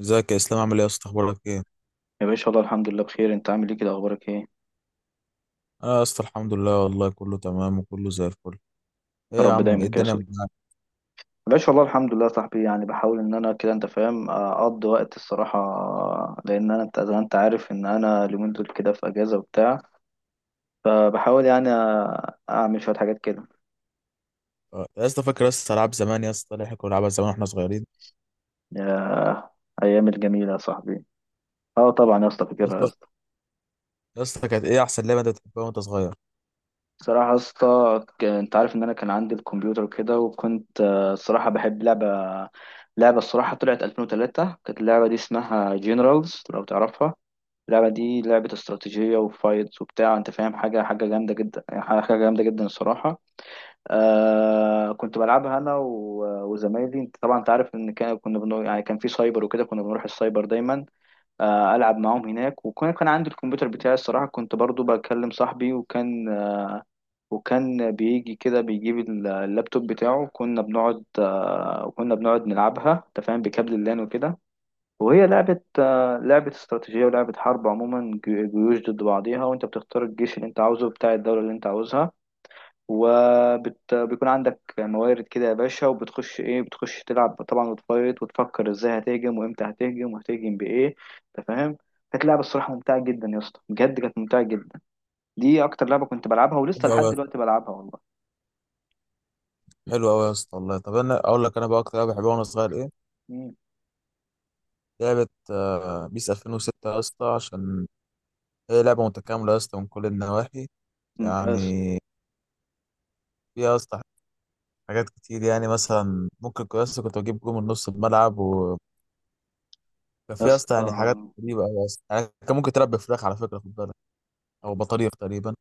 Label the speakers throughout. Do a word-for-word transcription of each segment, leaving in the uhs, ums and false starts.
Speaker 1: ازيك يا اسلام؟ عامل ايه يا اسطى؟ اخبارك ايه؟
Speaker 2: يا باشا والله الحمد لله بخير، انت عامل ايه كده؟ اخبارك ايه؟ يا
Speaker 1: انا يا اسطى الحمد لله، والله كله تمام وكله زي الفل. ايه يا
Speaker 2: رب
Speaker 1: عم؟ ايه
Speaker 2: دايما كده يا
Speaker 1: الدنيا
Speaker 2: صديقي.
Speaker 1: معاك؟
Speaker 2: يا باشا والله الحمد لله يا صاحبي، يعني بحاول ان انا كده انت فاهم اقضي وقت الصراحه، لان انا انت زي ما انت عارف ان انا اليومين دول كده في اجازه وبتاع، فبحاول يعني اعمل شويه حاجات كده.
Speaker 1: اه، يا اسطى فاكر يا اسطى العاب زمان يا اسطى اللي احنا كنا بنلعبها زمان واحنا صغيرين؟
Speaker 2: يا ايام الجميله يا صاحبي، اه طبعا يا اسطى
Speaker 1: يا
Speaker 2: فاكرها يا
Speaker 1: اسطى،
Speaker 2: اسطى.
Speaker 1: يا اسطى كانت ايه احسن لعبه انت بتحبها وانت صغير؟
Speaker 2: الصراحه يا اسطى ك- انت عارف ان انا كان عندي الكمبيوتر وكده، وكنت آه، الصراحه بحب لعبه. لعبه الصراحه طلعت ألفين وثلاثة، كانت اللعبه دي اسمها جنرالز لو تعرفها. اللعبة دي لعبة استراتيجية وفايتس وبتاع انت فاهم، حاجة حاجة جامدة جدا يعني، حاجة جامدة جدا الصراحة. آه كنت بلعبها انا و- وزمايلي، انت طبعا انت عارف ان كان كنا بنو... يعني كان في سايبر وكده، كنا بنروح السايبر دايما، آه العب معاهم هناك. وكان كان عندي الكمبيوتر بتاعي الصراحة، كنت برضو بكلم صاحبي وكان وكان بيجي كده، بيجيب ال- اللابتوب بتاعه. كنا بنقعد آه كنا بنقعد نلعبها انت فاهم بكابل اللان وكده. وهي لعبة آه، لعبة استراتيجية ولعبة حرب عموما، ج- جيوش ضد بعضيها، وانت بتختار الجيش اللي انت عاوزه بتاع الدولة اللي انت عاوزها. وبيكون عندك موارد كده يا باشا، وبتخش ايه، بتخش تلعب طبعا وتفايت وتفكر ازاي هتهجم وامتى هتهجم وهتهجم بايه انت فاهم. كانت لعبة الصراحة ممتعة جدا يا اسطى، بجد كانت ممتعة جدا. دي اكتر لعبة كنت بلعبها ولسه
Speaker 1: حلو
Speaker 2: لحد
Speaker 1: قوي.
Speaker 2: دلوقتي بلعبها والله.
Speaker 1: حلو قوي يا اسطى والله. طب انا اقول لك، انا بقى اكتر لعبه بحبها وانا صغير ايه؟
Speaker 2: مم.
Speaker 1: لعبه آه، بيس الفين وستة يا اسطى، عشان هي لعبه متكامله يا اسطى من كل النواحي.
Speaker 2: يا
Speaker 1: يعني
Speaker 2: اسطى،
Speaker 1: فيها يا اسطى حاجات كتير. يعني مثلا ممكن كنت- يا اسطى كنت بجيب جول من نص الملعب. كان
Speaker 2: يا
Speaker 1: في يا
Speaker 2: اسطى،
Speaker 1: اسطى يعني حاجات غريبه قوي يا اسطى. يعني كان ممكن تربي فراخ، على فكره خد بالك، او بطاريق تقريبا.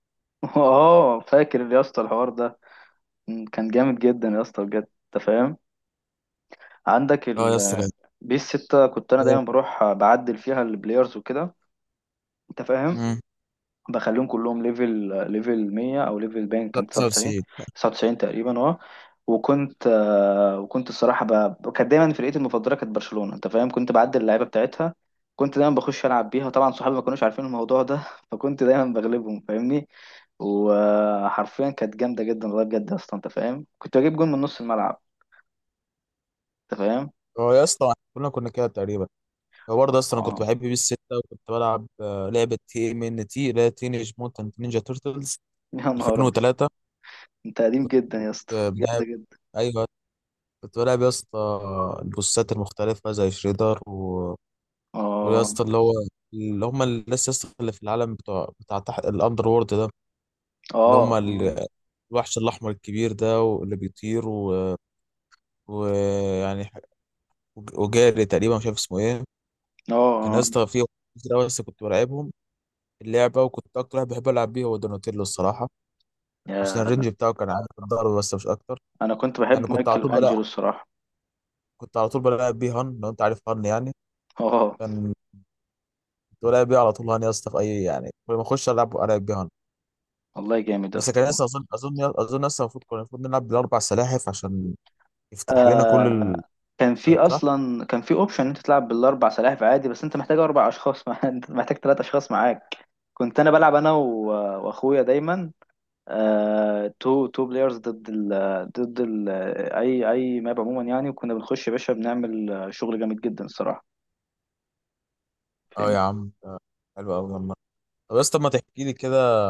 Speaker 2: اه فاكر يا اسطى الحوار ده. مم، كان جامد جدا يا اسطى بجد، انت فاهم. عندك
Speaker 1: اه يا اسطى.
Speaker 2: ال بيس ستة، كنت انا
Speaker 1: كان إيه؟
Speaker 2: دايما بروح بعدل فيها البلايرز وكده انت فاهم.
Speaker 1: امم
Speaker 2: بخليهم كلهم ليفل، ليفل مية، او ليفل باين كان تسعة وتسعين.
Speaker 1: تسعة وتسعين.
Speaker 2: تسعة وتسعين تقريبا اه. وكنت آه، وكنت الصراحه ب... كانت دايما فرقتي المفضله كانت برشلونه انت فاهم، كنت بعدل اللعيبه بتاعتها. كنت دايما بخش العب بيها طبعا، صحابي ما كانوش عارفين الموضوع ده فكنت دايما بغلبهم فاهمني. وحرفيا كانت جامده جدا والله بجد، اصلا انت فاهم كنت بجيب جون من نص الملعب انت فاهم.
Speaker 1: هو يا اسطى كلنا كنا كده تقريبا. هو برضه اصلا انا
Speaker 2: اه
Speaker 1: كنت بحب بيس ستة، وكنت بلعب آه، لعبه تي ام ان تي اللي هي تينيج موتنت نينجا تيرتلز
Speaker 2: يا نهار،
Speaker 1: الفين وتلاته.
Speaker 2: انت قديم جدا يا اسطى،
Speaker 1: كنت بلعب،
Speaker 2: جامدة جدا.
Speaker 1: ايوه كنت بلعب يا اسطى البوسات المختلفه زي شريدر و... ويا
Speaker 2: اه
Speaker 1: اسطى اللي هو اللي هم الناس يا اسطى اللي في العالم بتوع بتاع تحت الاندر وورلد ده. اللي هم
Speaker 2: اه
Speaker 1: ال- الوحش الأحمر الكبير ده، واللي بيطير و- ويعني ح- وجاري تقريبا مش عارف اسمه ايه.
Speaker 2: اه
Speaker 1: كان يا
Speaker 2: اه
Speaker 1: اسطى فيه كتير أوي، بس كنت بلعبهم اللعبة. وكنت أكتر واحد بحب ألعب بيه هو دوناتيلو الصراحة، عشان
Speaker 2: يا،
Speaker 1: الرينج بتاعه كان عالي في الضرب، بس مش أكتر.
Speaker 2: انا كنت
Speaker 1: يعني
Speaker 2: بحب
Speaker 1: كنت على
Speaker 2: مايكل
Speaker 1: طول بلعب
Speaker 2: انجلو الصراحة.
Speaker 1: كنت على طول بلعب بيه هان، لو أنت عارف هان يعني.
Speaker 2: اه
Speaker 1: كان كنت بلعب بيه على طول هان يا اسطى في أي، يعني كل ما أخش ألعب ألعب بيه هان.
Speaker 2: والله جامد يا
Speaker 1: بس
Speaker 2: اسطى
Speaker 1: كان
Speaker 2: والله.
Speaker 1: لسه أظن أظن أظن لسه المفروض كنا المفروض نلعب بالأربع سلاحف عشان يفتح لنا كل
Speaker 2: آه
Speaker 1: ال...
Speaker 2: كان في
Speaker 1: صح؟
Speaker 2: اصلا كان في اوبشن ان انت تلعب بالاربع سلاحف عادي، بس انت محتاج اربع اشخاص مع... انت محتاج ثلاث اشخاص معاك. كنت انا بلعب انا و... واخويا دايما، آه تو تو بلايرز ضد ال... ضد ال... اي اي ماب عموما يعني. وكنا بنخش يا باشا، بنعمل شغل جامد جدا الصراحة
Speaker 1: أه يا
Speaker 2: فاهمني.
Speaker 1: عم، حلو قوي لما. طب يا اسطى ما تحكي لي كده،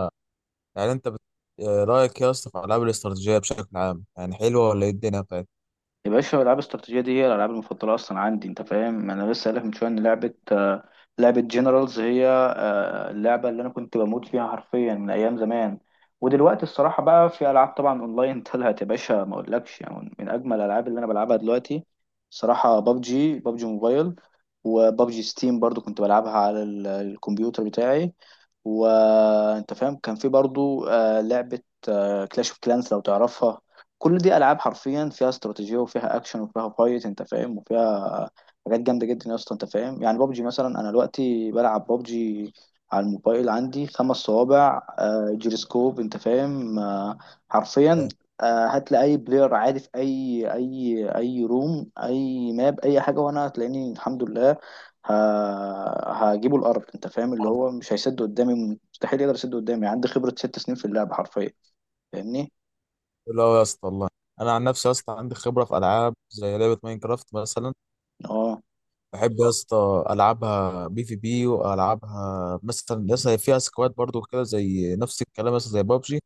Speaker 1: يعني انت بت... آه، رايك يا اسطى في العاب الاستراتيجيه بشكل عام؟ يعني حلوه ولا ايه الدنيا بتاعتها؟
Speaker 2: يا باشا الالعاب الاستراتيجيه دي هي الالعاب المفضله اصلا عندي انت فاهم، انا لسه قايل لك من شويه ان لعبه آه، لعبه جنرالز هي آه، اللعبه اللي انا كنت بموت فيها حرفيا من ايام زمان. ودلوقتي الصراحه بقى في العاب طبعا اونلاين طلعت يا باشا، ما اقولكش يعني، من اجمل الالعاب اللي انا بلعبها دلوقتي صراحه بابجي بابجي موبايل. وبابجي ستيم برضو كنت بلعبها على ال- الكمبيوتر بتاعي. وانت فاهم كان في برضو آه، لعبه كلاش اوف كلانس لو تعرفها. كل دي العاب حرفيا فيها استراتيجيه وفيها اكشن وفيها فايت انت فاهم، وفيها حاجات جامده جدا يا اسطى انت فاهم. يعني بابجي مثلا انا دلوقتي بلعب بابجي على الموبايل، عندي خمس صوابع آه، جيروسكوب، انت فاهم، آه، حرفيا آه، هات لي اي بلاير عادي في اي اي اي روم اي ماب اي حاجه، وانا هتلاقيني الحمد لله، ه- هجيبه الارض. انت فاهم اللي
Speaker 1: حلوه
Speaker 2: هو مش هيسد قدامي، مستحيل يقدر يسد قدامي، عندي خبره ست سنين في اللعبه حرفيا. فاهمني.
Speaker 1: قوي يا اسطى والله. انا عن نفسي يا اسطى عندي خبره في العاب زي لعبه ماينكرافت مثلا.
Speaker 2: اه
Speaker 1: بحب يا اسطى العبها بي في بي، والعبها مثلا يا اسطى فيها سكواد برضو، كده زي نفس الكلام مثلا زي بابجي.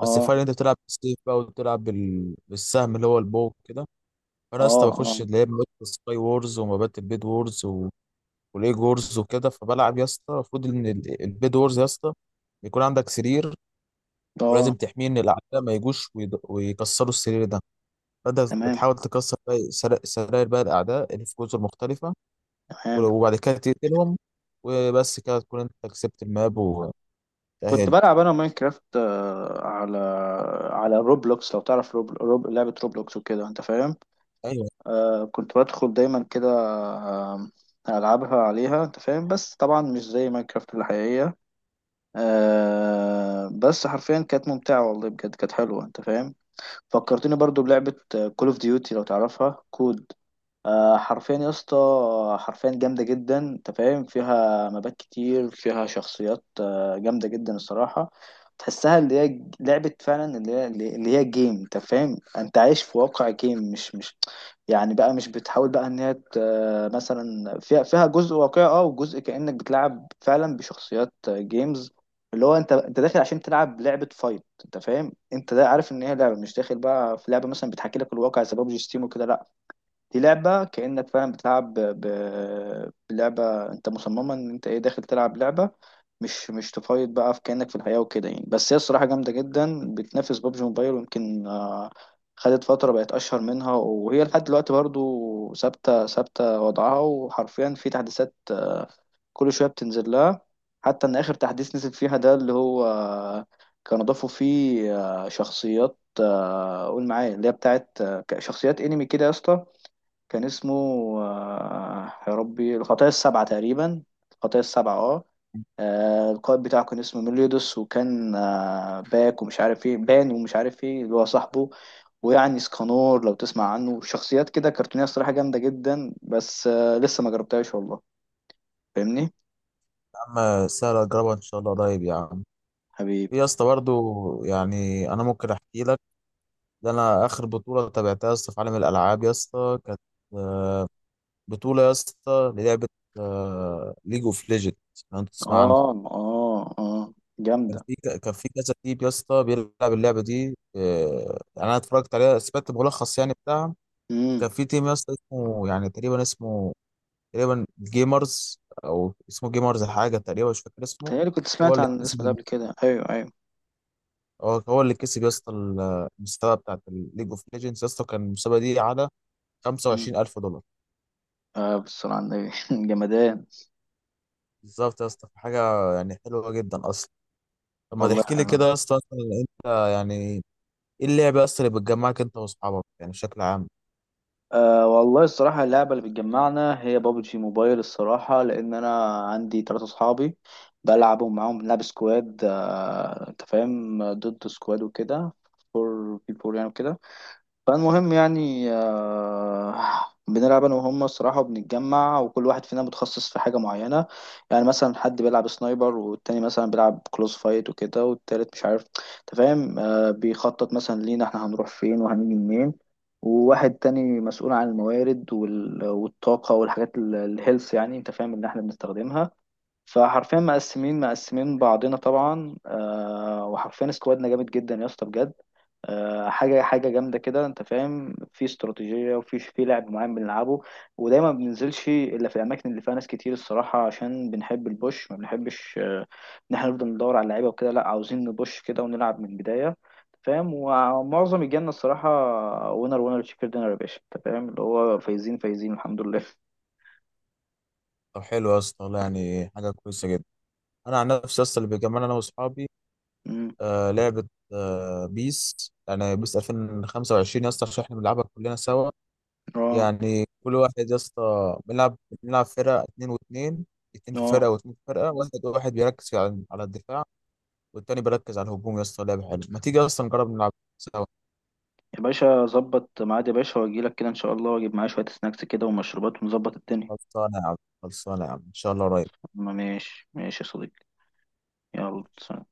Speaker 1: بس الفرق إن انت بتلعب بالسيف بقى، وبتلعب بال... بالسهم اللي هو البو كده. فانا يا
Speaker 2: اه
Speaker 1: اسطى بخش
Speaker 2: اه
Speaker 1: اللي هي مبات السكاي وورز، ومبات البيد وورز، وليج وورز وكده. فبلعب يا اسطى المفروض ان ال- البيد وورز يا اسطى يكون عندك سرير،
Speaker 2: اه.
Speaker 1: ولازم تحميه ان الاعداء ما يجوش ويض- ويكسروا السرير ده. فانت
Speaker 2: تمام
Speaker 1: بتحاول تكسر باقي سرا- سراير بقى الاعداء اللي في جزر مختلفه.
Speaker 2: تمام.
Speaker 1: وبعد كده تقتلهم، وبس كده تكون انت كسبت الماب وتأهلت.
Speaker 2: كنت بلعب انا ماينكرافت آه، على، على روبلوكس لو تعرف روب... روب... لعبة روبلوكس وكده انت فاهم.
Speaker 1: ايوه
Speaker 2: آه كنت بدخل دايما كده، آه، العبها عليها انت فاهم، بس طبعا مش زي ماينكرافت الحقيقية. آه بس حرفيا كانت ممتعة والله بجد، كانت حلوة انت فاهم. فكرتني برضو بلعبة كول اوف ديوتي لو تعرفها، كود. آه، حرفيا يا اسطى حرفيا جامدة جدا انت فاهم، فيها مبات كتير، فيها شخصيات آه، جامدة جدا الصراحة. تحسها اللي هي ج- لعبة فعلا اللي هي اللي هي جيم انت فاهم، انت عايش في واقع جيم، مش مش يعني بقى، مش بتحاول بقى ان هي ت- آه، مثلا فيها فيها جزء واقعي اه، وجزء كأنك بتلعب فعلا بشخصيات آه، جيمز. اللي هو انت انت داخل عشان تلعب لعبة فايت، انت فاهم، انت ده عارف ان هي لعبة، مش داخل بقى في لعبة مثلا بتحكي لك الواقع زي بابجي ستيم وكده، لا. دي لعبة كأنك فاهم بتلعب ب... ب- بلعبة، انت مصممة ان انت ايه، داخل تلعب لعبة، مش مش تفايض بقى في، كأنك في الحياة وكده يعني. بس هي الصراحة جامدة جدا، بتنافس بابجي موبايل ويمكن آه، خدت فترة بقت أشهر منها، وهي لحد دلوقتي برضو ثابتة ثابتة وضعها، وحرفيا في تحديثات آه، كل شوية بتنزل لها. حتى إن آخر تحديث نزل فيها ده اللي هو آه، كانوا ضافوا فيه آه، شخصيات آه، قول معايا اللي هي بتاعت آه، شخصيات انمي كده يا اسطى. كان اسمه آه، يا ربي الخطايا السبعة تقريبا، الخطايا السبعة اه. آه، القائد بتاعه كان اسمه ميليودوس، وكان آه، باك ومش عارف ايه، بان ومش عارف ايه اللي هو صاحبه، ويعني اسكانور لو تسمع عنه، شخصيات كده كرتونية الصراحة جامدة جدا، بس آه، لسه ما جربتهاش والله فاهمني.
Speaker 1: يا عم، سهله اجربها ان شاء الله قريب يا عم.
Speaker 2: حبيبي.
Speaker 1: في يا اسطى برضه، يعني انا ممكن احكي لك، ده انا اخر بطوله تابعتها يا اسطى في عالم الالعاب يا اسطى كانت بطولة يا اسطى للعبة ليج اوف ليجند، لو انت تسمع عنها.
Speaker 2: اه اه اه
Speaker 1: كان
Speaker 2: جامدة.
Speaker 1: في كان في كذا تيم يا اسطى بيلعب اللعبة دي. آه، يعني انا اتفرجت عليها، سمعت ملخص يعني بتاعها.
Speaker 2: امم.
Speaker 1: كان في تيم يا اسطى اسمه يعني تقريبا، اسمه تقريبا جيمرز او اسمه جيمرز حاجة تقريبا، مش فاكر اسمه.
Speaker 2: تهيألي كنت
Speaker 1: هو
Speaker 2: سمعت
Speaker 1: اللي
Speaker 2: عن الاسم ده
Speaker 1: كسب.
Speaker 2: قبل كده، ايوه ايوه.
Speaker 1: هو هو اللي كسب يا اسطى ال- المسابقة بتاعت الليج اوف ليجندز يا اسطى. كان المسابقة دي على
Speaker 2: امم.
Speaker 1: خمسة وعشرين الف دولار.
Speaker 2: آه بالصلاة على النبي جمدان
Speaker 1: بالظبط يا اسطى، حاجة يعني حلوة جدا اصلا. طب ما
Speaker 2: والله.
Speaker 1: تحكي لي كده يا اسطى، اصلا انت يعني ايه اللعبه اصلا اللي بتجمعك انت واصحابك يعني بشكل عام؟
Speaker 2: أه والله الصراحة اللعبة اللي بتجمعنا هي بابجي موبايل الصراحة، لأن أنا عندي تلاتة صحابي بلعبهم معاهم، بنلعب سكواد أه أنت فاهم، ضد سكواد وكده، فور في فور يعني وكده. فالمهم يعني آه، بنلعب انا وهم الصراحه، وبنتجمع، وكل واحد فينا متخصص في حاجه معينه. يعني مثلا حد بيلعب سنايبر، والتاني مثلا بيلعب كلوز فايت وكده، والتالت مش عارف انت فاهم، آه، بيخطط مثلا لينا احنا هنروح فين وهنيجي منين. وواحد تاني مسؤول عن الموارد وال- والطاقه والحاجات ال- الهيلث يعني انت فاهم ان احنا بنستخدمها. فحرفيا مقسمين مقسمين بعضنا طبعا آه، وحرفيا سكوادنا جامد جدا يا اسطى بجد. آه حاجه حاجه جامده كده انت فاهم، في استراتيجيه، وفي في لعب معين بنلعبه. ودايما ما بننزلش الا في الاماكن اللي فيها ناس كتير الصراحه، عشان بنحب البوش، ما بنحبش آه، ان احنا نفضل ندور على اللعيبه وكده، لا عاوزين نبوش كده ونلعب من البدايه. فاهم. ومعظم الجنة الصراحة وينر وينر تشيكن دينر يا باشا انت فاهم اللي هو فايزين فايزين الحمد لله
Speaker 1: طب حلو يا اسطى والله، يعني حاجه كويسه جدا. انا عن نفسي اصلا اللي بيجمعنا انا واصحابي
Speaker 2: امم.
Speaker 1: آه لعبه، آه بيس، يعني بيس الفين و خمسة وعشرين يا اسطى، عشان احنا بنلعبها كلنا سوا.
Speaker 2: اه
Speaker 1: يعني كل واحد يا اسطى بنلعب، بنلعب فرقه اتنين واتنين. اتنين في
Speaker 2: اه
Speaker 1: فرقه واتنين في فرقه. واحد واحد بيركز على على الدفاع، والتاني بيركز على الهجوم يا اسطى. لعبه حلوه، ما تيجي اصلا نجرب نلعب سوا.
Speaker 2: يا باشا ظبط ميعاد يا باشا، واجي لك كده ان شاء الله، واجيب معايا شوية سناكس كده ومشروبات ونظبط الدنيا.
Speaker 1: خلصانه يا عم، خلصانه يا عم ان شاء الله قريب.
Speaker 2: ماشي ماشي يا صديقي، يلا سلام.